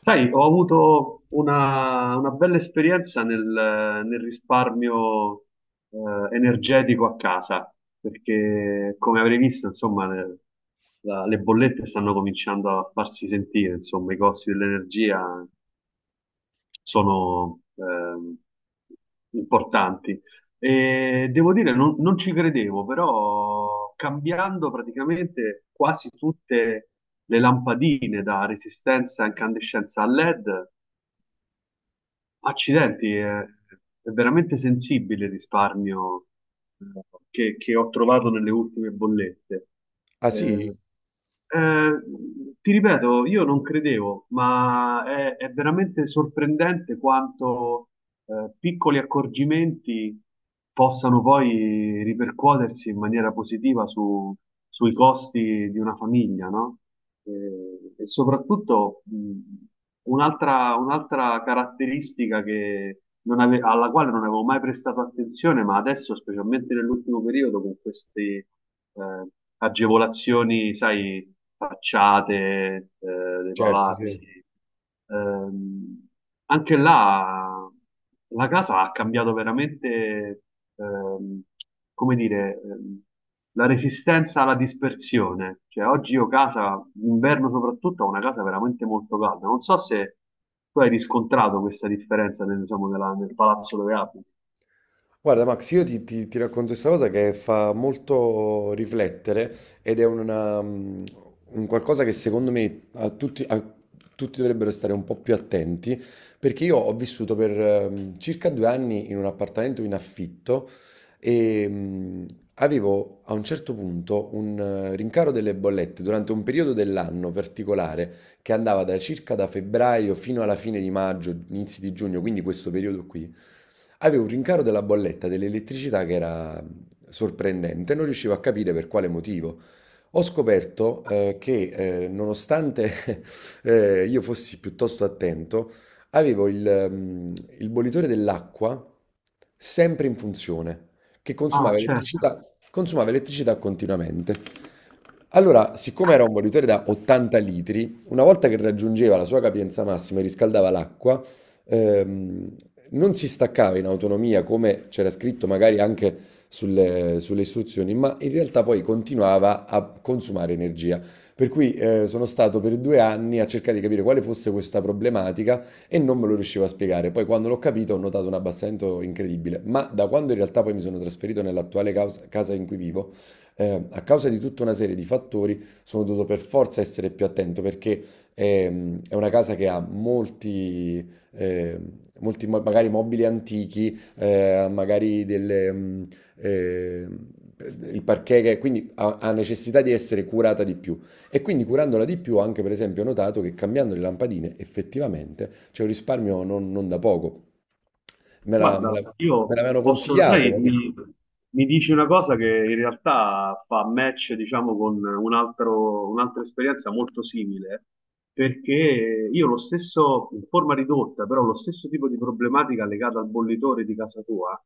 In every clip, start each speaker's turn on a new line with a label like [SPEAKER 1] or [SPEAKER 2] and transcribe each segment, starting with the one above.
[SPEAKER 1] Sai, ho avuto una bella esperienza nel risparmio energetico a casa, perché come avrei visto, insomma, le bollette stanno cominciando a farsi sentire, insomma, i costi dell'energia sono importanti. E devo dire, non ci credevo, però cambiando praticamente quasi tutte le lampadine da resistenza a incandescenza a LED. Accidenti, è veramente sensibile il risparmio eh, che ho trovato nelle ultime bollette.
[SPEAKER 2] Ah sì?
[SPEAKER 1] Eh, eh, ti ripeto, io non credevo, ma è veramente sorprendente quanto piccoli accorgimenti possano poi ripercuotersi in maniera positiva sui costi di una famiglia, no? Eh, E soprattutto un'altra caratteristica che non alla quale non avevo mai prestato attenzione, ma adesso, specialmente nell'ultimo periodo, con queste eh, agevolazioni, sai, facciate dei
[SPEAKER 2] Certo,
[SPEAKER 1] palazzi.
[SPEAKER 2] sì.
[SPEAKER 1] Ehm, anche là la casa ha cambiato veramente, ehm, come dire, la resistenza alla dispersione. Cioè, oggi io casa, d'inverno soprattutto, ho una casa veramente molto calda. Non so se tu hai riscontrato questa differenza nel, diciamo, nel palazzo dove abiti.
[SPEAKER 2] Guarda, Max, io ti racconto questa cosa che fa molto riflettere ed è una, un qualcosa che secondo me a tutti dovrebbero stare un po' più attenti, perché io ho vissuto per circa 2 anni in un appartamento in affitto e avevo a un certo punto un rincaro delle bollette durante un periodo dell'anno particolare che andava da circa da febbraio fino alla fine di maggio, inizi di giugno, quindi questo periodo qui. Avevo un rincaro della bolletta dell'elettricità che era sorprendente, non riuscivo a capire per quale motivo. Ho scoperto che nonostante io fossi piuttosto attento, avevo mh, il bollitore dell'acqua sempre in funzione, che
[SPEAKER 1] Ah, certo.
[SPEAKER 2] consumava elettricità continuamente. Allora, siccome era un bollitore da 80 litri, una volta che raggiungeva la sua capienza massima e riscaldava l'acqua, ehm, non si staccava in autonomia come c'era scritto magari anche sulle istruzioni, ma in realtà poi continuava a consumare energia. Per cui sono stato per 2 anni a cercare di capire quale fosse questa problematica e non me lo riuscivo a spiegare. Poi quando l'ho capito ho notato un abbassamento incredibile, ma da quando in realtà poi mi sono trasferito nell'attuale casa in cui vivo, a causa di tutta una serie di fattori sono dovuto per forza essere più attento perché è una casa che ha eh, molti magari mobili antichi, magari delle, eh, il parquet che quindi ha necessità di essere curata di più. E quindi curandola di più, anche per esempio, ho notato che cambiando le lampadine effettivamente c'è un risparmio non, non da poco. Me la- me la-
[SPEAKER 1] Guarda,
[SPEAKER 2] me
[SPEAKER 1] io
[SPEAKER 2] l'avevano
[SPEAKER 1] posso,
[SPEAKER 2] consigliato.
[SPEAKER 1] sai,
[SPEAKER 2] Capito?
[SPEAKER 1] mi dici una cosa che in realtà fa match, diciamo, con un'altra esperienza molto simile, perché io lo stesso, in forma ridotta, però lo stesso tipo di problematica legata al bollitore di casa tua,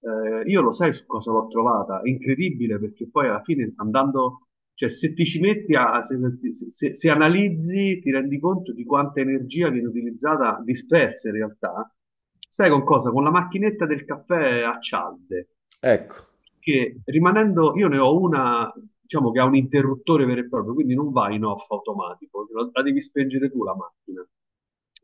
[SPEAKER 1] io lo sai su cosa l'ho trovata? È incredibile perché poi alla fine andando, cioè se ti ci metti se analizzi, ti rendi conto di quanta energia viene utilizzata, dispersa in realtà. Sai con cosa? Con la macchinetta del caffè a cialde,
[SPEAKER 2] Ecco,
[SPEAKER 1] che rimanendo, io ne ho una, diciamo che ha un interruttore vero e proprio, quindi non va in off automatico, la devi spengere tu la macchina.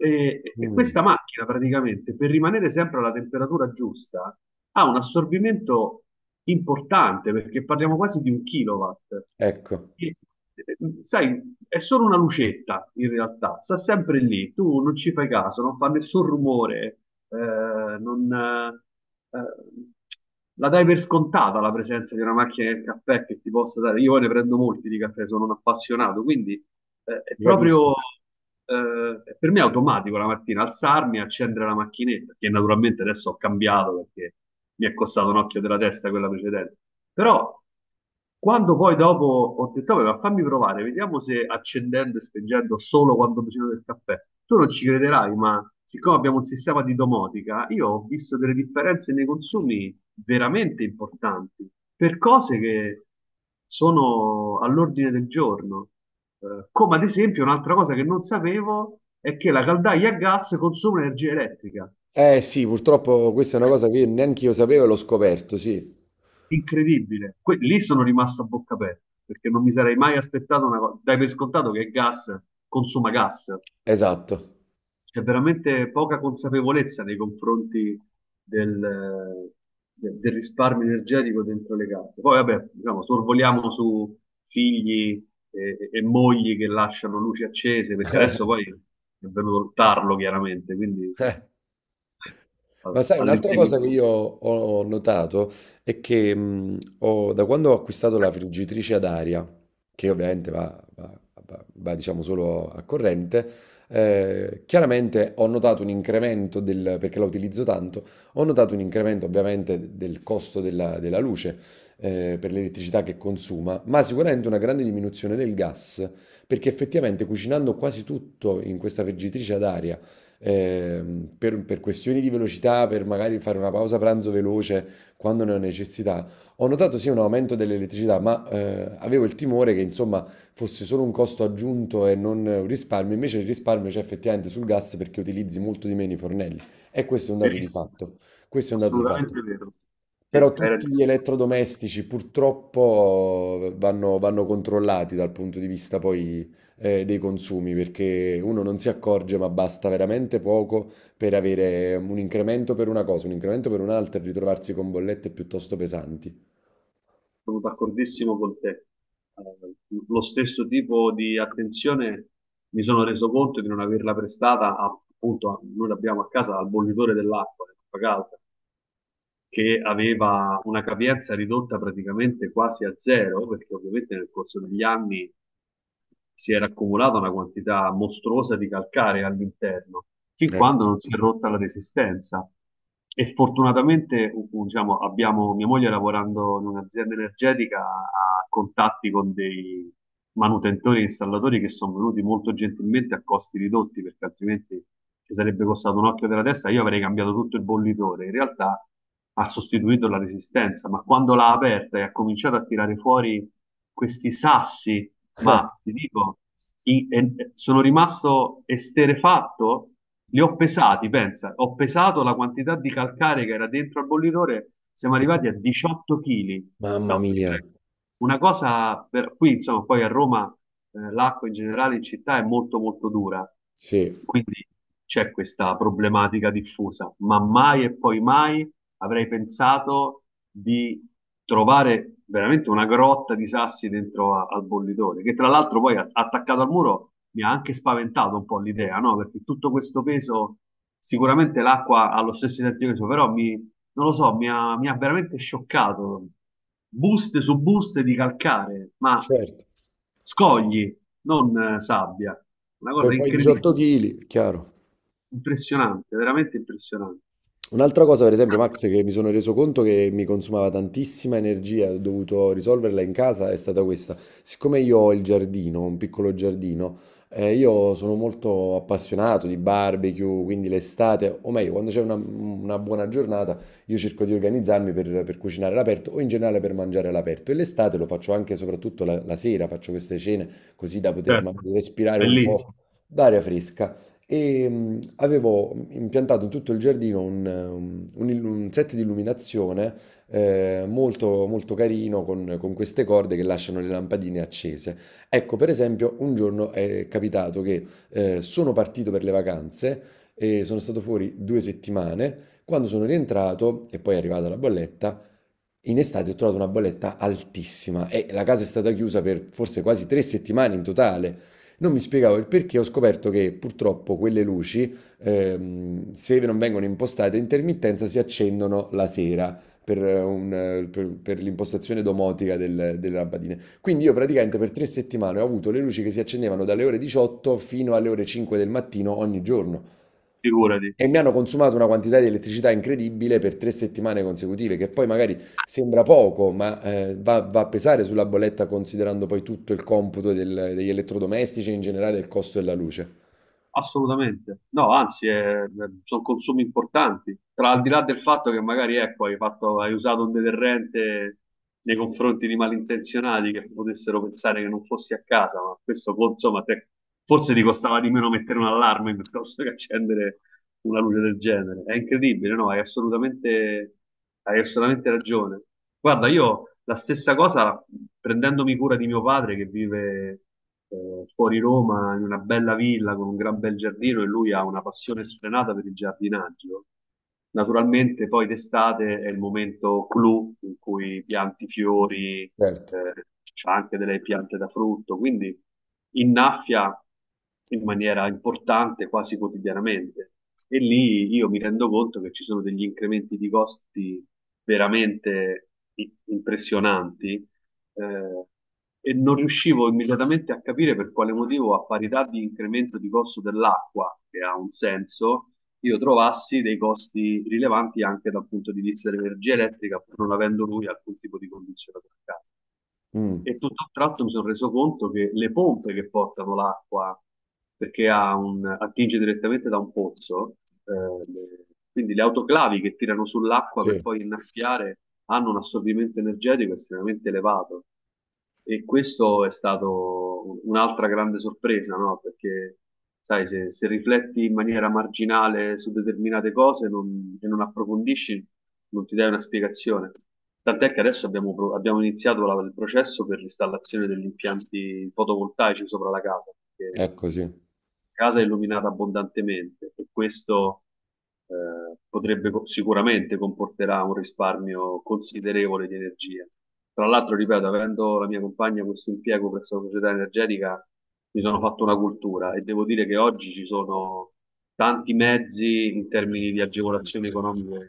[SPEAKER 1] E
[SPEAKER 2] Mm,
[SPEAKER 1] questa macchina praticamente, per rimanere sempre alla temperatura giusta, ha un assorbimento importante, perché parliamo quasi di un kilowatt.
[SPEAKER 2] ecco,
[SPEAKER 1] E, eh, Sai, è solo una lucetta in realtà, sta sempre lì, tu non ci fai caso, non fa nessun rumore, non, la dai per scontata la presenza di una macchina del caffè che ti possa dare. Io poi ne prendo molti di caffè, sono un appassionato, quindi è
[SPEAKER 2] ti capisco.
[SPEAKER 1] proprio per me è automatico la mattina alzarmi e accendere la macchinetta, che naturalmente adesso ho cambiato perché mi è costato un occhio della testa quella precedente. Però quando poi dopo ho detto, "Vabbè, ma fammi provare, vediamo se accendendo e spengendo solo quando facendo del caffè". Tu non ci crederai, ma siccome abbiamo un sistema di domotica, io ho visto delle differenze nei consumi veramente importanti per cose che sono all'ordine del giorno. Come ad esempio, un'altra cosa che non sapevo è che la caldaia a gas consuma energia elettrica.
[SPEAKER 2] Eh sì, purtroppo questa è una cosa che io neanche io sapevo e l'ho scoperto, sì,
[SPEAKER 1] Incredibile. Lì sono rimasto a bocca aperta perché non mi sarei mai aspettato una cosa. Dai per scontato che il gas consuma gas.
[SPEAKER 2] esatto.
[SPEAKER 1] C'è veramente poca consapevolezza nei confronti del, del risparmio energetico dentro le case. Poi, vabbè, diciamo, sorvoliamo su figli e mogli che lasciano luci accese, perché adesso poi è venuto il tarlo, chiaramente, quindi
[SPEAKER 2] Ma sai, un'altra cosa
[SPEAKER 1] all'inseguimento.
[SPEAKER 2] che io ho notato è che da quando ho acquistato la friggitrice ad aria, che ovviamente va, diciamo solo a corrente, chiaramente ho notato un incremento del, perché la utilizzo tanto, ho notato un incremento ovviamente del costo della luce, per l'elettricità che consuma, ma sicuramente una grande diminuzione del gas, perché effettivamente cucinando quasi tutto in questa friggitrice ad aria, per questioni di velocità, per magari fare una pausa pranzo veloce quando ne ho necessità, ho notato sì un aumento dell'elettricità, ma avevo il timore che insomma fosse solo un costo aggiunto e non un risparmio. Invece il risparmio c'è effettivamente sul gas perché utilizzi molto di meno i fornelli. E questo è un dato di
[SPEAKER 1] Verissimo,
[SPEAKER 2] fatto. Questo è un dato di fatto.
[SPEAKER 1] assolutamente vero. Sì,
[SPEAKER 2] Però
[SPEAKER 1] hai
[SPEAKER 2] tutti
[SPEAKER 1] ragione.
[SPEAKER 2] gli elettrodomestici purtroppo vanno controllati dal punto di vista poi dei consumi, perché uno non si accorge, ma basta veramente poco per avere un incremento per una cosa, un incremento per un'altra e ritrovarsi con bollette piuttosto pesanti.
[SPEAKER 1] Sono d'accordissimo con te. Eh, lo stesso tipo di attenzione mi sono reso conto di non averla prestata appunto, noi l'abbiamo a casa al bollitore dell'acqua, dell'acqua calda che aveva una capienza ridotta praticamente quasi a zero, perché ovviamente nel corso degli anni si era accumulata una quantità mostruosa di calcare all'interno, fin
[SPEAKER 2] Ecco.
[SPEAKER 1] quando non si è rotta la resistenza. E fortunatamente, diciamo, abbiamo mia moglie lavorando in un'azienda energetica ha contatti con dei manutentori e installatori che sono venuti molto gentilmente a costi ridotti, perché altrimenti ci sarebbe costato un occhio della testa, io avrei cambiato tutto il bollitore. In realtà ha sostituito la resistenza, ma quando l'ha aperta e ha cominciato a tirare fuori questi sassi, ma ti dico, sono rimasto esterefatto, li ho pesati, pensa, ho pesato la quantità di calcare che era dentro al bollitore, siamo
[SPEAKER 2] E
[SPEAKER 1] arrivati
[SPEAKER 2] poi-
[SPEAKER 1] a 18 kg.
[SPEAKER 2] Mamma
[SPEAKER 1] No, ti
[SPEAKER 2] mia,
[SPEAKER 1] prego. Una cosa per qui, insomma, poi a Roma l'acqua in generale in città è molto molto dura,
[SPEAKER 2] sì,
[SPEAKER 1] quindi c'è questa problematica diffusa, ma mai e poi mai avrei pensato di trovare veramente una grotta di sassi dentro al bollitore, che tra l'altro poi attaccato al muro mi ha anche spaventato un po' l'idea, no? Perché tutto questo peso, sicuramente l'acqua ha lo stesso identico peso, però non lo so, mi ha veramente scioccato. Buste su buste di calcare, ma
[SPEAKER 2] certo.
[SPEAKER 1] scogli, non sabbia. Una
[SPEAKER 2] Per
[SPEAKER 1] cosa
[SPEAKER 2] poi
[SPEAKER 1] incredibile,
[SPEAKER 2] 18 kg, chiaro.
[SPEAKER 1] impressionante, veramente impressionante.
[SPEAKER 2] Un'altra cosa, per esempio, Max, che mi sono reso conto che mi consumava tantissima energia, e ho dovuto risolverla in casa, è stata questa. Siccome io ho il giardino, un piccolo giardino, io sono molto appassionato di barbecue, quindi l'estate, o meglio, quando c'è una buona giornata, io cerco di organizzarmi per cucinare all'aperto o in generale per mangiare all'aperto. E l'estate lo faccio anche, soprattutto la sera, faccio queste cene così da poter
[SPEAKER 1] Certo,
[SPEAKER 2] magari respirare un po'
[SPEAKER 1] bellissimo.
[SPEAKER 2] d'aria fresca e avevo impiantato in tutto il giardino un un set di illuminazione molto, molto carino con queste corde che lasciano le lampadine accese. Ecco, per esempio, un giorno è capitato che sono partito per le vacanze e sono stato fuori 2 settimane. Quando sono rientrato, e poi è arrivata la bolletta, in estate ho trovato una bolletta altissima e la casa è stata chiusa per forse quasi 3 settimane in totale. Non mi spiegavo il perché, ho scoperto che purtroppo quelle luci, se non vengono impostate a intermittenza, si accendono la sera per l'impostazione domotica delle lampadine. Quindi io praticamente per 3 settimane ho avuto le luci che si accendevano dalle ore 18 fino alle ore 5 del mattino ogni giorno.
[SPEAKER 1] Figurati.
[SPEAKER 2] E mi hanno consumato una quantità di elettricità incredibile per 3 settimane consecutive, che poi magari sembra poco, ma va a pesare sulla bolletta considerando poi tutto il computo degli elettrodomestici e in generale il costo della luce.
[SPEAKER 1] Assolutamente, no, anzi, sono consumi importanti. Tra al di là del fatto che magari ecco, hai usato un deterrente nei confronti di malintenzionati che potessero pensare che non fossi a casa, ma questo poi, insomma, forse ti costava di meno mettere un allarme piuttosto che accendere una luce del genere. È incredibile, no? Hai assolutamente ragione. Guarda, io la stessa cosa, prendendomi cura di mio padre che vive fuori Roma in una bella villa con un gran bel giardino e lui ha una passione sfrenata per il giardinaggio. Naturalmente poi d'estate è il momento clou in cui pianti fiori, eh,
[SPEAKER 2] Certo.
[SPEAKER 1] c'ha anche delle piante da frutto, quindi innaffia in maniera importante quasi quotidianamente. E lì io mi rendo conto che ci sono degli incrementi di costi veramente impressionanti, eh, e non riuscivo immediatamente a capire per quale motivo, a parità di incremento di costo dell'acqua, che ha un senso, io trovassi dei costi rilevanti anche dal punto di vista dell'energia elettrica, pur non avendo lui alcun tipo di condizionatore a casa.
[SPEAKER 2] Mm,
[SPEAKER 1] E tutto a un tratto mi sono reso conto che le pompe che portano l'acqua, perché ha attinge direttamente da un pozzo, eh, le- quindi le autoclavi che tirano sull'acqua per
[SPEAKER 2] sì,
[SPEAKER 1] poi innaffiare, hanno un assorbimento energetico estremamente elevato. E questo è stato un'altra grande sorpresa, no? Perché, sai, se rifletti in maniera marginale su determinate cose e non approfondisci, non ti dai una spiegazione. Tant'è che adesso abbiamo, abbiamo iniziato il processo per l'installazione degli impianti fotovoltaici sopra la casa, perché
[SPEAKER 2] è così.
[SPEAKER 1] casa è illuminata abbondantemente e questo potrebbe sicuramente comporterà un risparmio considerevole di energia. Tra l'altro, ripeto, avendo la mia compagna questo impiego presso la società energetica, mi sono fatto una cultura e devo dire che oggi ci sono tanti mezzi in termini di agevolazioni economiche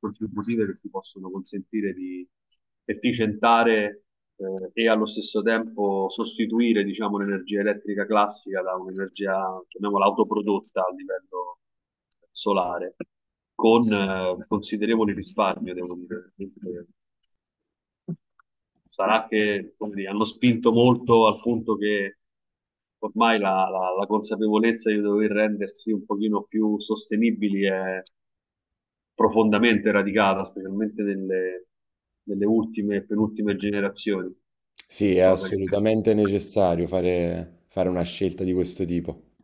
[SPEAKER 1] contributive che ti possono consentire di efficientare e allo stesso tempo sostituire, diciamo, l'energia elettrica classica da un'energia, chiamiamola, autoprodotta a livello solare, con considerevole risparmio, devo dire. Sarà che, come dire, hanno spinto molto al punto che ormai la consapevolezza di dover rendersi un pochino più sostenibili è profondamente radicata, specialmente nelle, nelle ultime e penultime generazioni,
[SPEAKER 2] Sì, è
[SPEAKER 1] cosa che
[SPEAKER 2] assolutamente necessario fare una scelta di questo tipo.